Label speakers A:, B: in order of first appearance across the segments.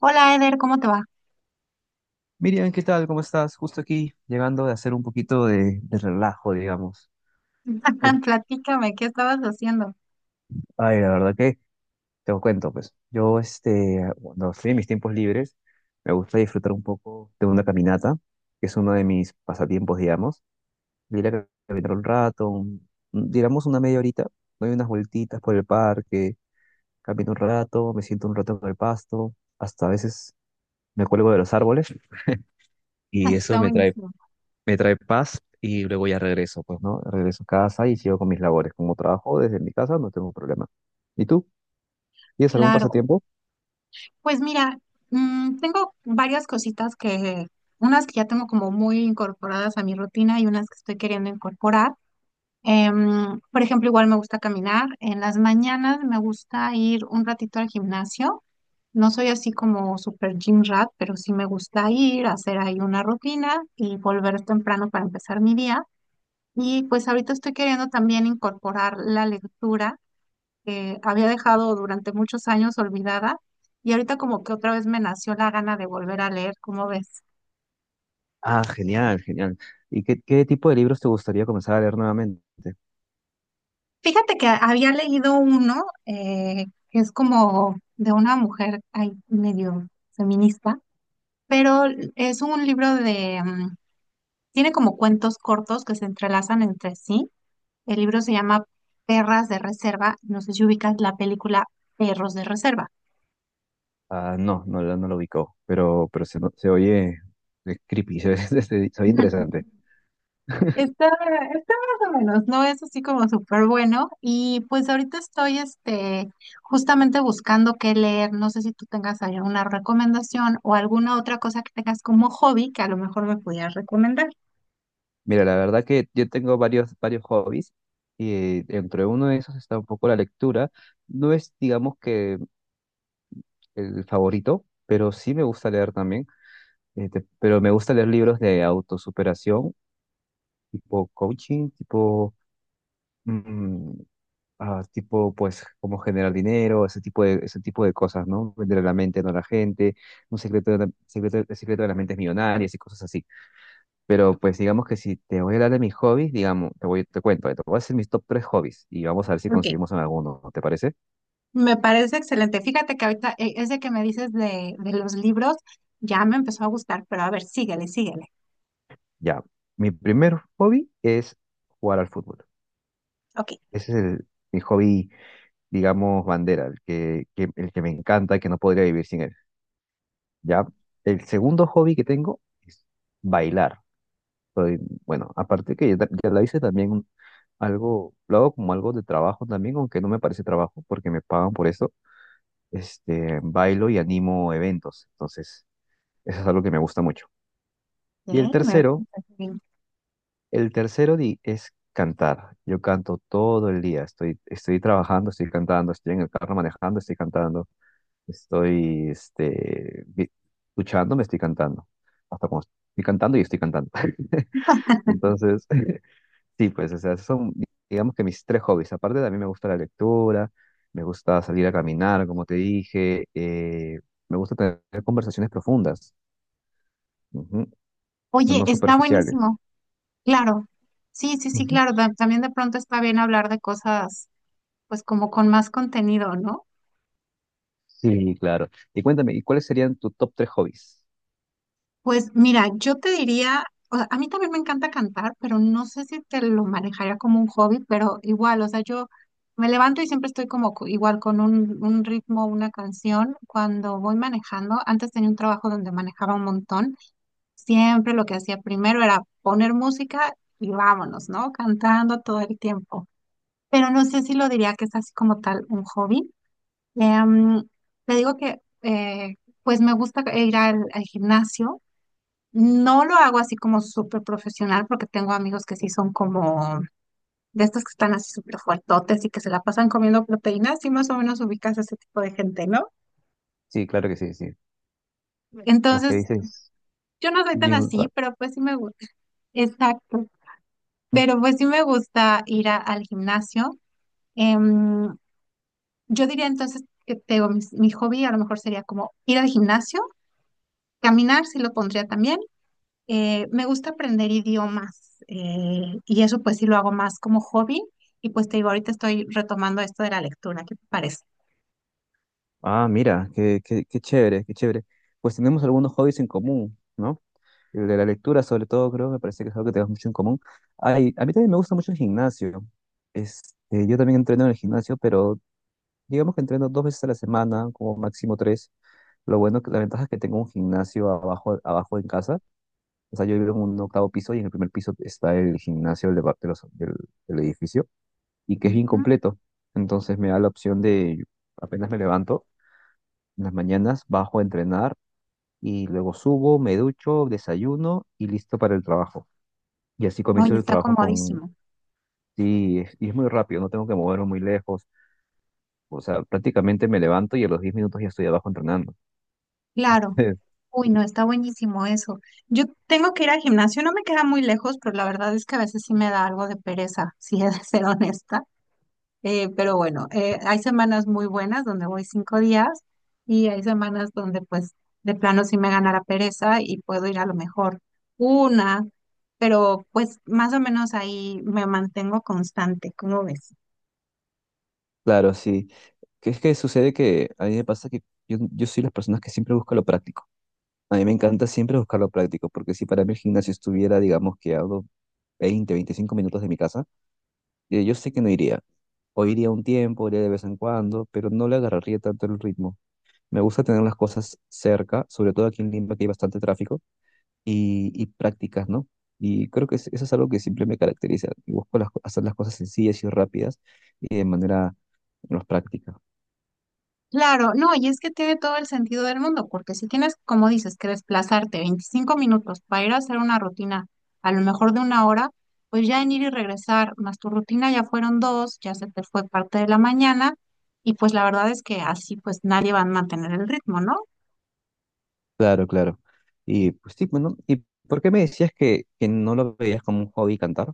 A: Hola Eder, ¿cómo te va?
B: Miriam, ¿qué tal? ¿Cómo estás? Justo aquí, llegando de hacer un poquito de relajo, digamos. Uf,
A: Platícame, ¿qué estabas haciendo?
B: La verdad que te lo cuento, pues. Yo, este, cuando estoy en mis tiempos libres, me gusta disfrutar un poco de una caminata, que es uno de mis pasatiempos, digamos. Ir a caminar un rato, digamos una media horita, doy unas vueltitas por el parque, camino un rato, me siento un rato en el pasto, hasta a veces me cuelgo de los árboles y eso
A: Está buenísimo.
B: me trae paz y luego ya regreso, pues, ¿no? Regreso a casa y sigo con mis labores. Como trabajo desde mi casa, no tengo problema. ¿Y tú? ¿Tienes algún
A: Claro,
B: pasatiempo?
A: pues mira, tengo varias cositas que, unas que ya tengo como muy incorporadas a mi rutina y unas que estoy queriendo incorporar. Por ejemplo, igual me gusta caminar. En las mañanas me gusta ir un ratito al gimnasio. No soy así como super gym rat, pero sí me gusta ir, hacer ahí una rutina y volver temprano para empezar mi día. Y pues ahorita estoy queriendo también incorporar la lectura que había dejado durante muchos años olvidada y ahorita como que otra vez me nació la gana de volver a leer, ¿cómo ves?
B: Ah, genial, genial. Y qué tipo de libros te gustaría comenzar a leer nuevamente?
A: Fíjate que había leído uno que es como de una mujer ay, medio feminista, pero es un libro de, tiene como cuentos cortos que se entrelazan entre sí. El libro se llama Perras de Reserva, no sé si ubicas la película Perros de Reserva.
B: Ah, no, no, no lo ubicó, pero se oye creepy, se oye interesante.
A: Está, está más o menos, no es así como súper bueno. Y pues ahorita estoy este, justamente buscando qué leer. No sé si tú tengas ahí alguna recomendación o alguna otra cosa que tengas como hobby que a lo mejor me pudieras recomendar.
B: Mira, la verdad que yo tengo varios hobbies y entre uno de esos está un poco la lectura. No es, digamos que el favorito, pero sí me gusta leer también. Este, pero me gusta leer libros de autosuperación, tipo coaching, tipo, mm, tipo, pues, cómo generar dinero, ese ese tipo de cosas, ¿no? Vender la mente, no a la gente, un secreto de la, secreto, el secreto de las mentes millonarias y cosas así. Pero, pues, digamos que si te voy a hablar de mis hobbies, digamos, te cuento, te voy a hacer mis top tres hobbies y vamos a ver si
A: Ok,
B: conseguimos en alguno, ¿te parece?
A: me parece excelente. Fíjate que ahorita ese que me dices de los libros ya me empezó a gustar, pero a ver, síguele, síguele.
B: Ya. Mi primer hobby es jugar al fútbol.
A: Ok,
B: Ese es mi hobby digamos, bandera, el que me encanta, que no podría vivir sin él, ¿ya? El segundo hobby que tengo es bailar. Soy- bueno, aparte que ya lo hice también algo, lo hago como algo de trabajo también, aunque no me parece trabajo porque me pagan por eso. Este, bailo y animo eventos, entonces eso es algo que me gusta mucho. Y el
A: eh, me-
B: tercero, es cantar. Yo canto todo el día, estoy trabajando, estoy cantando, estoy en el carro manejando, estoy cantando. Estoy, este, vi- Duchando, me estoy cantando. Hasta como estoy cantando y estoy cantando. Entonces, sí, pues, o sea, esos son, digamos que mis tres hobbies. Aparte, también me gusta la lectura, me gusta salir a caminar, como te dije, me gusta tener conversaciones profundas, ujú, o sea,
A: oye,
B: no
A: está
B: superficiales.
A: buenísimo, claro. Sí, sí, sí,
B: Ujú.
A: claro. También de pronto está bien hablar de cosas pues como con más contenido, ¿no?
B: Sí, claro. Y cuéntame, ¿y cuáles serían tus top tres hobbies?
A: Pues mira, yo te diría, o sea, a mí también me encanta cantar, pero no sé si te lo manejaría como un hobby, pero igual, o sea, yo me levanto y siempre estoy como igual con un ritmo, una canción. Cuando voy manejando, antes tenía un trabajo donde manejaba un montón, siempre lo que hacía primero era poner música y vámonos, ¿no? Cantando todo el tiempo. Pero no sé si lo diría que es así como tal un hobby. Em, Te digo que pues me gusta ir al gimnasio. No lo hago así como súper profesional porque tengo amigos que sí son como de estos que están así súper fuertotes y que se la pasan comiendo proteínas y más o menos ubicas a ese tipo de gente, ¿no?
B: Sí, claro que sí, sí. Los que
A: Entonces,
B: dices
A: yo no soy tan
B: Jim
A: así,
B: Rat.
A: pero pues sí me gusta. Exacto. Pero pues sí me gusta ir al gimnasio. Em, yo diría entonces que tengo mi hobby a lo mejor sería como ir al gimnasio, caminar, sí lo pondría también. Me gusta aprender idiomas y eso pues sí lo hago más como hobby y pues te digo, ahorita estoy retomando esto de la lectura, ¿qué te parece?
B: Ah, mira, qué chévere, qué chévere. Pues tenemos algunos hobbies en común, ¿no? El de la lectura, sobre todo, creo, me parece que es algo que tenemos mucho en común. Ay, a mí también me gusta mucho el gimnasio. Este, yo también entreno en el gimnasio, pero digamos que entreno dos veces a la semana, como máximo tres. Lo bueno, que la ventaja es que tengo un gimnasio abajo, abajo en casa. O sea, yo vivo en un octavo piso y en el primer piso está el gimnasio del, depart- de los- del del edificio y que es bien
A: Ujú.
B: completo. Entonces me da la opción de, apenas me levanto, en las mañanas bajo a entrenar y luego subo, me ducho, desayuno y listo para el trabajo. Y así comienzo
A: Oye,
B: el
A: está
B: trabajo con...
A: comodísimo.
B: Sí, y es muy rápido, no tengo que moverme muy lejos. O sea, prácticamente me levanto y a los 10 minutos ya estoy abajo entrenando.
A: Claro. Uy, no, está buenísimo eso. Yo tengo que ir al gimnasio, no me queda muy lejos, pero la verdad es que a veces sí me da algo de pereza, si he de ser honesta. Pero bueno, hay semanas muy buenas donde voy 5 días y hay semanas donde pues de plano sí me gana la pereza y puedo ir a lo mejor una, pero pues más o menos ahí me mantengo constante, ¿cómo ves?
B: Claro, sí. Que es que sucede que a mí me pasa que yo soy las personas que siempre busca lo práctico. A mí me encanta siempre buscar lo práctico, porque si para mí el gimnasio estuviera, digamos, que a unos 20 25 minutos de mi casa, yo sé que no iría. O iría un tiempo, iría de vez en cuando, pero no le agarraría tanto el ritmo. Me gusta tener las cosas cerca, sobre todo aquí en Lima que hay bastante tráfico y prácticas, ¿no? Y creo que eso es algo que siempre me caracteriza. Y busco hacer las cosas sencillas y rápidas y de manera más práctica.
A: Claro, no, y es que tiene todo el sentido del mundo, porque si tienes, como dices, que desplazarte 25 minutos para ir a hacer una rutina, a lo mejor de una hora, pues ya en ir y regresar, más tu rutina ya fueron dos, ya se te fue parte de la mañana, y pues la verdad es que así pues nadie va a mantener el ritmo, ¿no?
B: Claro, claro. Y pues sí, bueno, ¿y por qué me decías que no lo veías como un hobby cantar?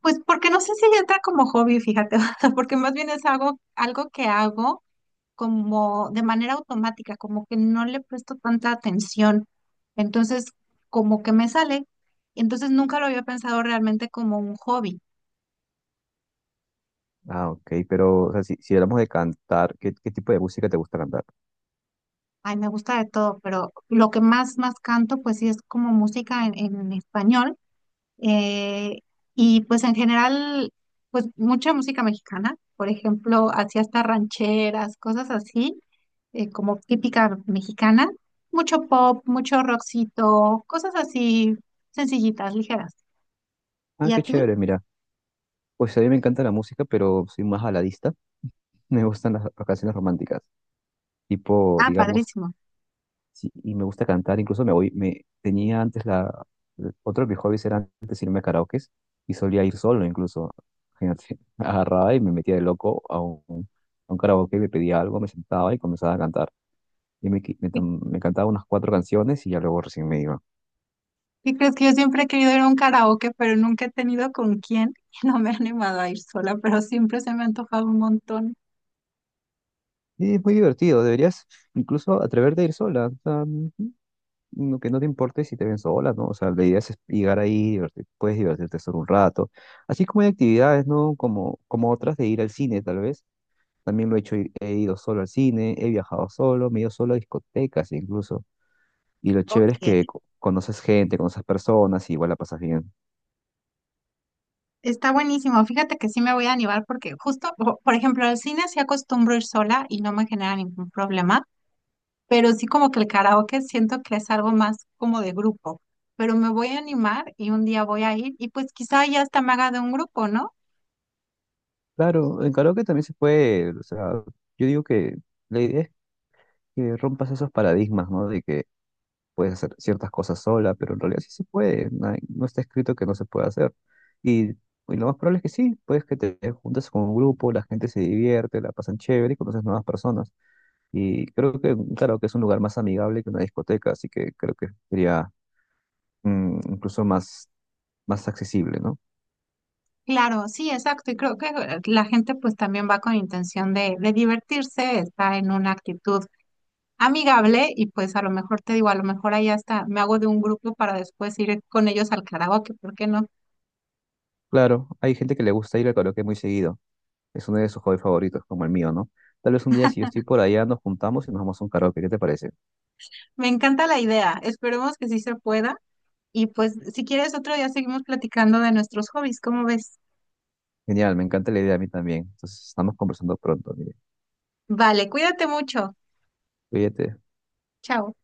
A: Pues porque no sé si entra como hobby, fíjate, o sea, porque más bien es algo, algo que hago como de manera automática, como que no le presto tanta atención. Entonces, como que me sale. Entonces, nunca lo había pensado realmente como un hobby.
B: Ah, ok, pero o sea, si hablamos de cantar, qué tipo de música te gusta cantar?
A: Ay, me gusta de todo, pero lo que más, más canto, pues sí es como música en español. Eh, y pues en general, pues mucha música mexicana, por ejemplo, hacía hasta rancheras, cosas así, como típica mexicana, mucho pop, mucho rockcito, cosas así sencillitas, ligeras.
B: Ah,
A: ¿Y a
B: qué
A: ti?
B: chévere, mira. Pues a mí me encanta la música, pero soy más baladista. Me gustan las canciones románticas tipo,
A: Ah,
B: digamos,
A: padrísimo.
B: Sí, y me gusta cantar, incluso me tenía antes la, otro de mis hobbies era antes irme a karaokes y solía ir solo incluso, fíjate, agarraba y me metía de loco a a un karaoke, me pedía algo, me sentaba y comenzaba a cantar. Y me, qui- me,
A: ¿Qué,
B: tom- me cantaba unas cuatro canciones y ya luego recién me iba.
A: qué crees que yo siempre he querido ir a un karaoke, pero nunca he tenido con quién y no me he animado a ir sola, pero siempre se me ha antojado un montón.
B: Y es muy divertido, deberías incluso atreverte a ir sola, o sea, que no te importe si te ven sola, ¿no? O sea, la idea es llegar ahí, puedes divertirte solo un rato. Así como hay actividades, ¿no? Como otras de ir al cine, tal vez también lo he hecho, he ido solo al cine, he viajado solo, me he ido solo a discotecas incluso. Y lo
A: Ok.
B: chévere es que conoces gente, conoces personas y igual la pasas bien.
A: Está buenísimo. Fíjate que sí me voy a animar porque justo, por ejemplo, al cine sí acostumbro ir sola y no me genera ningún problema, pero sí como que el karaoke siento que es algo más como de grupo. Pero me voy a animar y un día voy a ir y pues quizá ya hasta me haga de un grupo, ¿no?
B: Claro, en karaoke también se puede, o sea, yo digo que la idea es que rompas esos paradigmas, ¿no? De que puedes hacer ciertas cosas sola, pero en realidad sí se puede, no, no está escrito que no se pueda hacer. Y lo más probable es que sí, puedes que te juntes con un grupo, la gente se divierte, la pasan chévere y conoces nuevas personas. Y creo que, claro, que es un lugar más amigable que una discoteca, así que creo que sería incluso más accesible, ¿no?
A: Claro, sí, exacto. Y creo que la gente pues también va con intención de divertirse, está en una actitud amigable y pues a lo mejor te digo, a lo mejor ahí hasta me hago de un grupo para después ir con ellos al karaoke, ¿por qué no?
B: Claro, hay gente que le gusta ir al karaoke muy seguido. Es uno de sus hobbies favoritos, como el mío, ¿no? Tal vez un día, si yo estoy por allá, nos juntamos y nos vamos a un karaoke. ¿Qué te parece?
A: Me encanta la idea. Esperemos que sí se pueda. Y pues, si quieres, otro día seguimos platicando de nuestros hobbies. ¿Cómo ves?
B: Genial, me encanta la idea a mí también. Entonces, estamos conversando pronto, mire.
A: Vale, cuídate mucho.
B: Cuídate.
A: Chao.